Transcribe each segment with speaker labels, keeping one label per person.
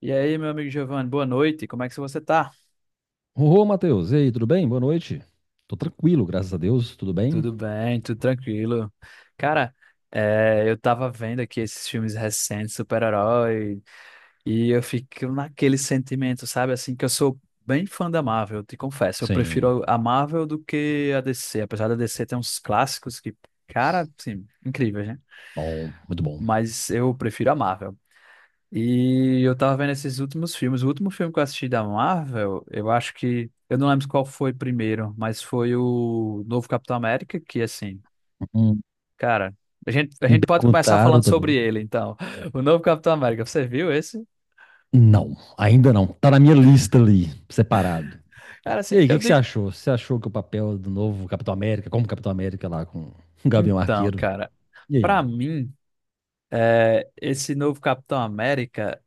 Speaker 1: E aí, meu amigo Giovanni, boa noite. Como é que você tá?
Speaker 2: Ô, Matheus, e aí, tudo bem? Boa noite. Tô tranquilo, graças a Deus, tudo bem?
Speaker 1: Tudo bem, tudo tranquilo. Cara, eu tava vendo aqui esses filmes recentes, super-herói, e eu fico naquele sentimento, sabe? Assim, que eu sou bem fã da Marvel, eu te confesso. Eu
Speaker 2: Sim.
Speaker 1: prefiro a Marvel do que a DC. Apesar da DC ter uns clássicos que, cara, assim, incríveis, né?
Speaker 2: Bom, muito bom.
Speaker 1: Mas eu prefiro a Marvel. E eu tava vendo esses últimos filmes. O último filme que eu assisti da Marvel, eu acho que. Eu não lembro qual foi primeiro, mas foi o novo Capitão América, que assim,
Speaker 2: Hum,
Speaker 1: cara, a gente, a
Speaker 2: Me
Speaker 1: gente pode começar
Speaker 2: perguntaram
Speaker 1: falando sobre
Speaker 2: também.
Speaker 1: ele, então. O novo Capitão América, você viu esse?
Speaker 2: Não, ainda não. Tá na minha lista ali, separado.
Speaker 1: Cara,
Speaker 2: E
Speaker 1: assim,
Speaker 2: aí, o que
Speaker 1: eu
Speaker 2: que você
Speaker 1: digo.
Speaker 2: achou? Você achou que o papel do novo Capitão América, como Capitão América lá com o Gavião
Speaker 1: Então,
Speaker 2: Arqueiro?
Speaker 1: cara,
Speaker 2: E aí?
Speaker 1: pra mim, esse novo Capitão América.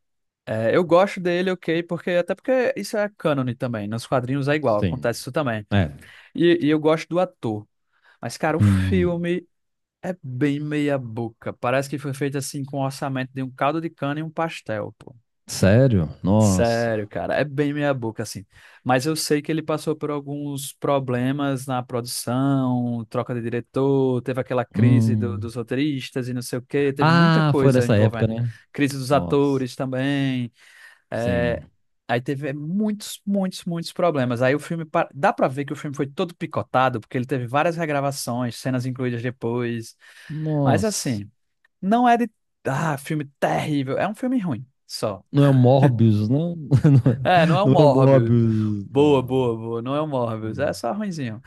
Speaker 1: Eu gosto dele, ok, porque até porque isso é cânone também, nos quadrinhos é igual,
Speaker 2: Sim.
Speaker 1: acontece isso também.
Speaker 2: É.
Speaker 1: E eu gosto do ator. Mas, cara, o
Speaker 2: Hum,
Speaker 1: filme é bem meia boca. Parece que foi feito assim com o orçamento de um caldo de cana e um pastel, pô.
Speaker 2: sério? Nossa.
Speaker 1: Sério, cara, é bem meia boca assim. Mas eu sei que ele passou por alguns problemas na produção, troca de diretor, teve aquela crise
Speaker 2: Hum.
Speaker 1: dos roteiristas e não sei o quê, teve muita
Speaker 2: Ah, foi
Speaker 1: coisa
Speaker 2: nessa época,
Speaker 1: envolvendo.
Speaker 2: né?
Speaker 1: Crise dos
Speaker 2: Nossa.
Speaker 1: atores também. é,
Speaker 2: Sim.
Speaker 1: Aí teve muitos, muitos, muitos problemas. Aí o filme, dá pra ver que o filme foi todo picotado, porque ele teve várias regravações, cenas incluídas depois. Mas
Speaker 2: Nossa.
Speaker 1: assim. Não é de. Ah, filme terrível. É um filme ruim, só.
Speaker 2: Não é o Morbius, não.
Speaker 1: É, não é o
Speaker 2: Não é o
Speaker 1: Morbius.
Speaker 2: Morbius.
Speaker 1: Boa,
Speaker 2: Não.
Speaker 1: boa, boa. Não é o Morbius. É só ruinzinho.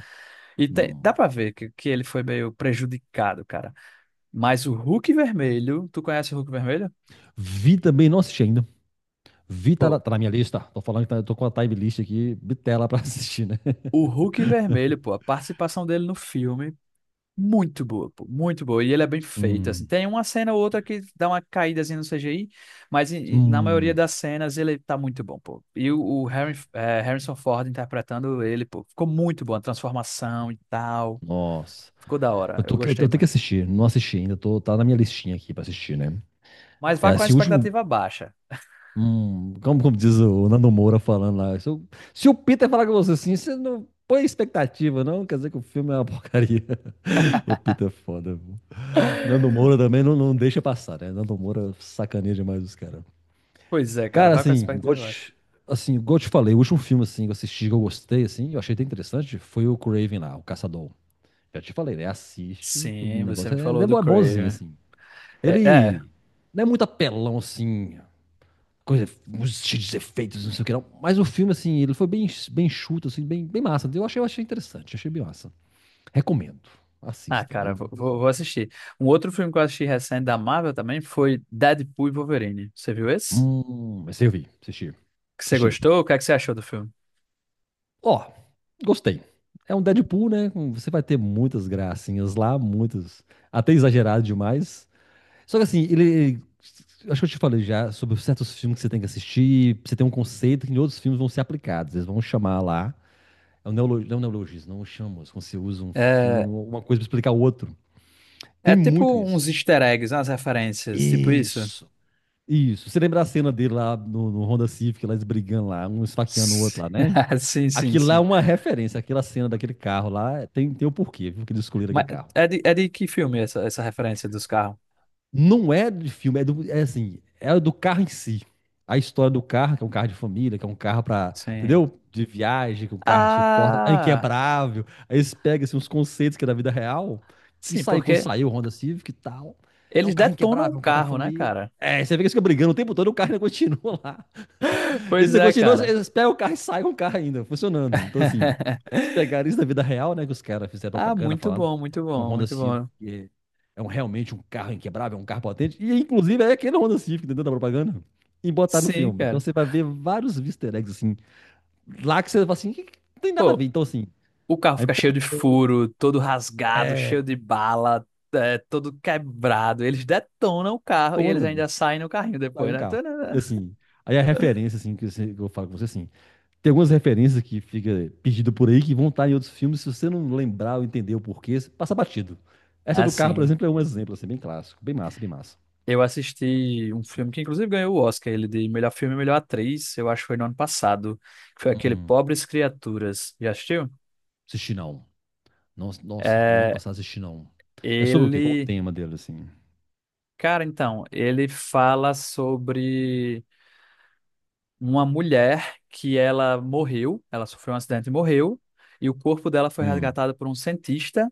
Speaker 1: Dá
Speaker 2: Não.
Speaker 1: pra ver que, ele foi meio prejudicado, cara. Mas o Hulk Vermelho. Tu conhece o Hulk Vermelho?
Speaker 2: Vi também, não assisti ainda. Vi,
Speaker 1: Pô,
Speaker 2: tá na minha lista. Tô falando que tá, eu tô com a time list aqui, bitela pra assistir, né?
Speaker 1: o Hulk Vermelho, pô, a participação dele no filme. Muito boa, pô, muito boa. E ele é bem feito, assim.
Speaker 2: Hum.
Speaker 1: Tem uma cena ou outra que dá uma caída assim, no CGI, mas na maioria
Speaker 2: Hum.
Speaker 1: das cenas ele tá muito bom, pô. E o Harry, é, Harrison Ford interpretando ele, pô, ficou muito bom. A transformação e tal.
Speaker 2: Nossa.
Speaker 1: Ficou da hora. Eu
Speaker 2: Eu
Speaker 1: gostei
Speaker 2: tenho que
Speaker 1: muito.
Speaker 2: assistir, não assisti ainda. Tô, tá na minha listinha aqui pra assistir, né?
Speaker 1: Mas
Speaker 2: É
Speaker 1: vá com a
Speaker 2: assim, o último.
Speaker 1: expectativa baixa.
Speaker 2: Como, como diz o Nando Moura falando lá. Se o Peter falar com você assim, você não põe expectativa, não. Quer dizer que o filme é uma porcaria. O Peter é foda, viu? Nando Moura também não, não deixa passar, né? Nando Moura sacaneia demais os caras.
Speaker 1: Pois é, cara,
Speaker 2: Cara,
Speaker 1: vá com a
Speaker 2: assim, igual eu
Speaker 1: expectativa baixa.
Speaker 2: te- Assim, igual eu te falei, o último filme assim, que eu assisti, que eu gostei, assim, eu achei até interessante, foi o Craven lá, o Caçador. Já te falei, né? Assiste, que o
Speaker 1: Sim, você
Speaker 2: negócio
Speaker 1: me
Speaker 2: é,
Speaker 1: falou do
Speaker 2: é bonzinho,
Speaker 1: Craven.
Speaker 2: assim.
Speaker 1: É, é.
Speaker 2: Ele não é muito apelão, assim, coisa, uns cheios de efeitos, não sei o que não, mas o filme, assim, ele foi bem, bem chuto, assim, bem, bem massa. Eu achei interessante, achei bem massa. Recomendo.
Speaker 1: Ah,
Speaker 2: Assista, bem
Speaker 1: cara, vou
Speaker 2: interessante.
Speaker 1: assistir. Um outro filme que eu assisti recente da Marvel também foi Deadpool e Wolverine. Você viu esse?
Speaker 2: Mas eu vi, assisti.
Speaker 1: Que você
Speaker 2: Assisti.
Speaker 1: gostou? O que é que você achou do filme?
Speaker 2: Ó, gostei. É um Deadpool, né? Você vai ter muitas gracinhas lá, muitas. Até exagerado demais. Só que assim, ele. Ele- Acho que eu te falei já sobre certos filmes que você tem que assistir. Você tem um conceito que em outros filmes vão ser aplicados. Eles vão chamar lá. Não é um neologismo, não chama. Quando você usa um filme,
Speaker 1: É,
Speaker 2: uma coisa pra explicar o outro.
Speaker 1: é
Speaker 2: Tem muito
Speaker 1: tipo uns
Speaker 2: isso.
Speaker 1: easter eggs, umas referências, tipo isso.
Speaker 2: Isso. Isso. Você lembra a cena dele lá no Honda Civic, lá eles brigando lá, um esfaqueando o
Speaker 1: S-
Speaker 2: outro lá, né?
Speaker 1: Sim, sim,
Speaker 2: Aquilo lá é
Speaker 1: sim.
Speaker 2: uma referência, aquela cena daquele carro lá tem, tem o porquê, viu, que eles escolheram aquele
Speaker 1: Mas
Speaker 2: carro.
Speaker 1: é de que filme essa, essa referência dos carros?
Speaker 2: Não é de filme, é, do, é assim, é do carro em si. A história do carro, que é um carro de família, que é um carro pra,
Speaker 1: Sim.
Speaker 2: entendeu? De viagem, que o carro suporta, é
Speaker 1: Ah,
Speaker 2: inquebrável. Aí eles pegam assim, uns conceitos que é da vida real, que
Speaker 1: sim,
Speaker 2: saiu quando
Speaker 1: porque
Speaker 2: saiu o Honda Civic e tal. É um
Speaker 1: eles
Speaker 2: carro
Speaker 1: detonam
Speaker 2: inquebrável,
Speaker 1: o
Speaker 2: é um carro pra
Speaker 1: carro, né,
Speaker 2: família.
Speaker 1: cara?
Speaker 2: É, você vê que eles ficam brigando o tempo todo e o carro ainda continua lá. E
Speaker 1: Pois
Speaker 2: você
Speaker 1: é,
Speaker 2: continua,
Speaker 1: cara.
Speaker 2: eles pegam o carro e saem com o carro ainda, funcionando. Então, assim, eles pegaram isso da vida real, né? Que os caras fizeram
Speaker 1: Ah,
Speaker 2: propaganda
Speaker 1: muito
Speaker 2: falando
Speaker 1: bom, muito
Speaker 2: que um
Speaker 1: bom,
Speaker 2: Honda
Speaker 1: muito
Speaker 2: Civic
Speaker 1: bom.
Speaker 2: é, é um, realmente um carro inquebrável, é um carro potente. E, inclusive, é aquele Honda Civic dentro da propaganda e botar no
Speaker 1: Sim,
Speaker 2: filme. Então,
Speaker 1: cara.
Speaker 2: você vai ver vários easter eggs, assim, lá que você fala assim, que não tem nada a ver.
Speaker 1: Pô,
Speaker 2: Então, assim,
Speaker 1: o carro
Speaker 2: a
Speaker 1: fica cheio de furo, todo rasgado, cheio de bala, é, todo quebrado. Eles detonam o carro e eles
Speaker 2: importona
Speaker 1: ainda saem no carrinho
Speaker 2: sai
Speaker 1: depois,
Speaker 2: um
Speaker 1: né?
Speaker 2: carro.
Speaker 1: Tanana.
Speaker 2: E, assim, aí a referência, assim, que eu falo com você, assim, tem algumas referências que fica pedido por aí que vão estar em outros filmes. Se você não lembrar ou entender o porquê, você passa batido. Essa do carro, por
Speaker 1: Assim,
Speaker 2: exemplo, é um exemplo, assim, bem clássico. Bem massa, bem massa.
Speaker 1: eu assisti um filme que inclusive ganhou o Oscar, ele de melhor filme e melhor atriz, eu acho que foi no ano passado, que foi aquele
Speaker 2: Hum,
Speaker 1: Pobres Criaturas. Já assistiu?
Speaker 2: assisti não. Nossa, nossa, no ano
Speaker 1: É,
Speaker 2: passado assisti não. É sobre o quê? Qual o
Speaker 1: ele...
Speaker 2: tema dele, assim?
Speaker 1: Cara, então, ele fala sobre uma mulher que ela morreu, ela sofreu um acidente e morreu, e o corpo dela foi
Speaker 2: Hum.
Speaker 1: resgatado por um cientista.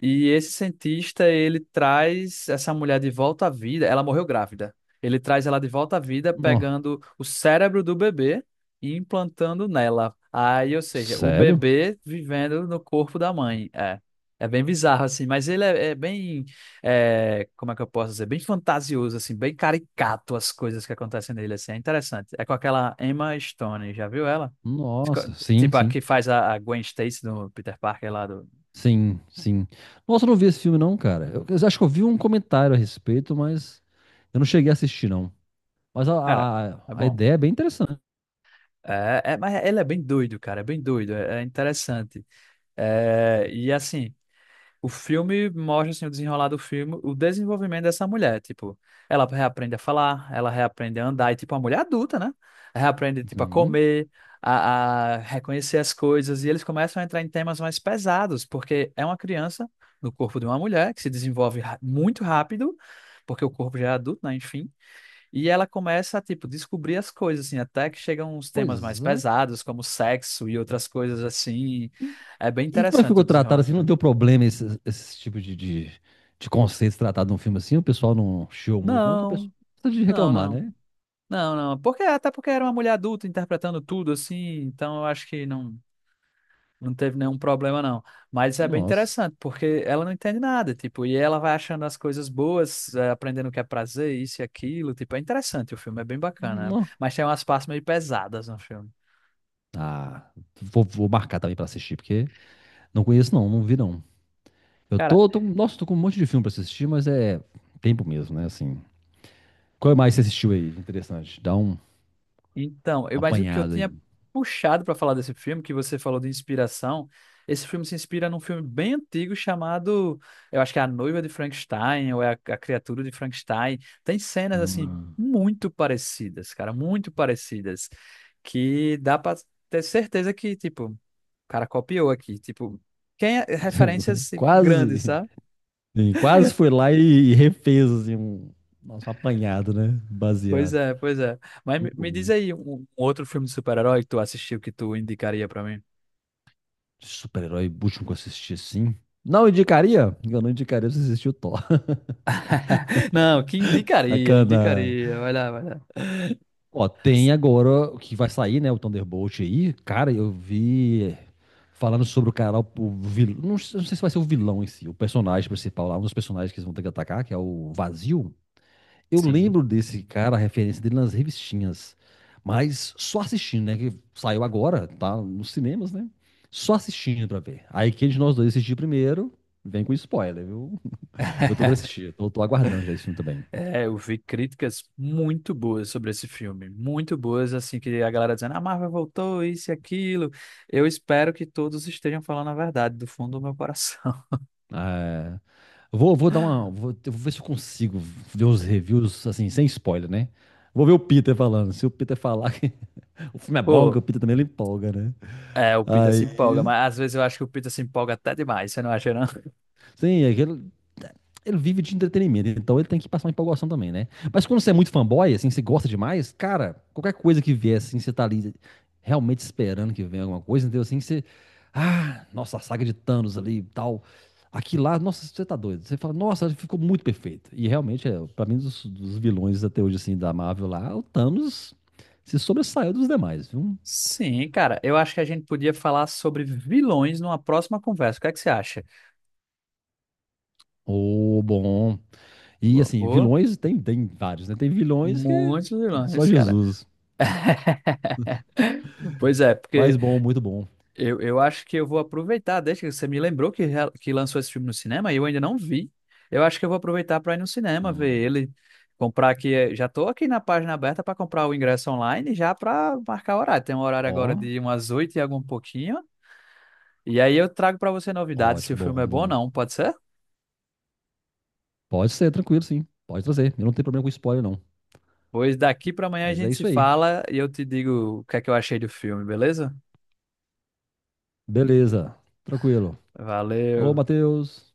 Speaker 1: E esse cientista, ele traz essa mulher de volta à vida. Ela morreu grávida. Ele traz ela de volta à vida,
Speaker 2: Nó.
Speaker 1: pegando o cérebro do bebê e implantando nela. Aí, ou seja, o
Speaker 2: Sério?
Speaker 1: bebê vivendo no corpo da mãe. É, é bem bizarro, assim. Mas é bem, é, como é que eu posso dizer? Bem fantasioso, assim. Bem caricato as coisas que acontecem nele, assim. É interessante. É com aquela Emma Stone. Já viu ela?
Speaker 2: Nossa, sim,
Speaker 1: Tipo, a
Speaker 2: sim.
Speaker 1: que faz a Gwen Stacy do Peter Parker lá do...
Speaker 2: Sim, sim. Nossa, eu não vi esse filme, não, cara. Eu acho que eu vi um comentário a respeito, mas eu não cheguei a assistir, não. Mas
Speaker 1: Cara, é
Speaker 2: a
Speaker 1: bom.
Speaker 2: ideia é bem interessante.
Speaker 1: Mas ele é bem doido, cara, é bem doido, é interessante. É, e assim, o filme mostra assim, o desenrolar do filme, o desenvolvimento dessa mulher, tipo, ela reaprende a falar, ela reaprende a andar, e tipo, uma mulher adulta, né? Reaprende, tipo, a
Speaker 2: Hum,
Speaker 1: comer, a reconhecer as coisas, e eles começam a entrar em temas mais pesados, porque é uma criança no corpo de uma mulher que se desenvolve muito rápido, porque o corpo já é adulto, né? Enfim. E ela começa a, tipo, descobrir as coisas, assim, até que chegam uns temas mais
Speaker 2: pois é.
Speaker 1: pesados, como sexo e outras coisas assim.
Speaker 2: E,
Speaker 1: É bem
Speaker 2: e como é que
Speaker 1: interessante
Speaker 2: ficou
Speaker 1: o desenrolar
Speaker 2: tratado
Speaker 1: do
Speaker 2: assim? Não
Speaker 1: filme.
Speaker 2: deu problema esse, esse tipo de conceitos tratados num filme assim? O pessoal não chiou muito, não, que o pessoal
Speaker 1: Não,
Speaker 2: gosta de
Speaker 1: não,
Speaker 2: reclamar,
Speaker 1: não.
Speaker 2: né?
Speaker 1: Não, não. Porque, até porque era uma mulher adulta interpretando tudo, assim, então eu acho que não, não teve nenhum problema, não. Mas é bem
Speaker 2: Nossa.
Speaker 1: interessante, porque ela não entende nada, tipo, e ela vai achando as coisas boas, aprendendo o que é prazer, isso e aquilo, tipo, é interessante o filme, é bem bacana.
Speaker 2: Não.
Speaker 1: Mas tem umas partes meio pesadas no filme.
Speaker 2: Ah, vou, vou marcar também pra assistir, porque não conheço, não, não vi, não. Eu
Speaker 1: Cara,
Speaker 2: tô, tô, nossa, tô com um monte de filme pra assistir, mas é tempo mesmo, né? Assim, qual mais você assistiu aí? Interessante. Dá um,
Speaker 1: então,
Speaker 2: um
Speaker 1: mas o que eu
Speaker 2: apanhado aí.
Speaker 1: tinha puxado para falar desse filme, que você falou de inspiração, esse filme se inspira num filme bem antigo chamado, eu acho que é A Noiva de Frankenstein, ou é a Criatura de Frankenstein. Tem cenas, assim,
Speaker 2: Hum.
Speaker 1: muito parecidas, cara, muito parecidas, que dá para ter certeza que, tipo, o cara copiou aqui, tipo, quem é, referências, tipo, grandes,
Speaker 2: Quase,
Speaker 1: sabe?
Speaker 2: sim, quase foi lá e refez, assim, um, nosso apanhado, né?
Speaker 1: Pois
Speaker 2: Baseado.
Speaker 1: é, pois é. Mas
Speaker 2: Muito
Speaker 1: me diz
Speaker 2: bom.
Speaker 1: aí um outro filme de super-herói que tu assistiu que tu indicaria para mim.
Speaker 2: De super-herói último que eu assisti assim. Não indicaria? Eu não indicaria você assistir o Thor.
Speaker 1: Não, que indicaria,
Speaker 2: Sacana.
Speaker 1: indicaria. Vai lá, vai lá.
Speaker 2: Ó, tem agora o que vai sair, né? O Thunderbolt aí. Cara, eu vi falando sobre o cara, o vilão. Não, sei não sei se vai ser o vilão em si, o personagem principal lá, um dos personagens que eles vão ter que atacar, que é o Vazio. Eu
Speaker 1: Sim.
Speaker 2: lembro desse cara, a referência dele nas revistinhas, mas só assistindo, né? Que saiu agora, tá nos cinemas, né? Só assistindo pra ver. Aí quem de nós dois assistir primeiro, vem com spoiler, viu? Eu tô querendo assistir, tô, tô aguardando já esse filme também.
Speaker 1: É, eu vi críticas muito boas sobre esse filme, muito boas, assim, que a galera dizendo, a Marvel voltou, isso e aquilo. Eu espero que todos estejam falando a verdade do fundo do meu coração.
Speaker 2: É, vou, vou dar uma. Eu vou ver se eu consigo ver os reviews, assim, sem spoiler, né? Vou ver o Peter falando. Se o Peter falar que o filme é bom, que o
Speaker 1: Pô,
Speaker 2: Peter também ele empolga, né?
Speaker 1: é, o Peter se empolga,
Speaker 2: Aí.
Speaker 1: mas às vezes eu acho que o Peter se empolga até demais, você não acha, não?
Speaker 2: Sim, aquele, ele vive de entretenimento, então ele tem que passar uma empolgação também, né? Mas quando você é muito fanboy, assim, você gosta demais, cara, qualquer coisa que vier, assim, você tá ali realmente esperando que venha alguma coisa, entendeu? Assim, você. Ah, nossa, a saga de Thanos ali e tal. Aqui lá, nossa, você tá doido. Você fala, nossa, ficou muito perfeito. E realmente, é, pra mim, dos vilões até hoje, assim, da Marvel lá, o Thanos se sobressaiu dos demais, viu?
Speaker 1: Sim, cara, eu acho que a gente podia falar sobre vilões numa próxima conversa. O que é que você acha?
Speaker 2: Ô, bom. E
Speaker 1: Boa,
Speaker 2: assim,
Speaker 1: boa.
Speaker 2: vilões tem, tem vários, né? Tem vilões que.
Speaker 1: Muitos
Speaker 2: Só
Speaker 1: vilões, cara.
Speaker 2: Jesus.
Speaker 1: Pois é,
Speaker 2: Mas
Speaker 1: porque
Speaker 2: bom, muito bom.
Speaker 1: eu acho que eu vou aproveitar, desde que você me lembrou que, que lançou esse filme no cinema e eu ainda não vi. Eu acho que eu vou aproveitar para ir no cinema ver
Speaker 2: Hum,
Speaker 1: ele, comprar aqui. Já tô aqui na página aberta para comprar o ingresso online já para marcar o horário. Tem um horário agora
Speaker 2: Ó,
Speaker 1: de umas oito e algum pouquinho. E aí eu trago para você novidades se o
Speaker 2: ótimo,
Speaker 1: filme
Speaker 2: bom,
Speaker 1: é bom ou
Speaker 2: bom.
Speaker 1: não, pode ser?
Speaker 2: Pode ser, tranquilo, sim. Pode trazer. Eu não tenho problema com spoiler, não.
Speaker 1: Pois daqui para amanhã a
Speaker 2: Mas é
Speaker 1: gente se
Speaker 2: isso aí.
Speaker 1: fala e eu te digo o que é que eu achei do filme, beleza?
Speaker 2: Beleza, tranquilo. Alô,
Speaker 1: Valeu.
Speaker 2: Matheus.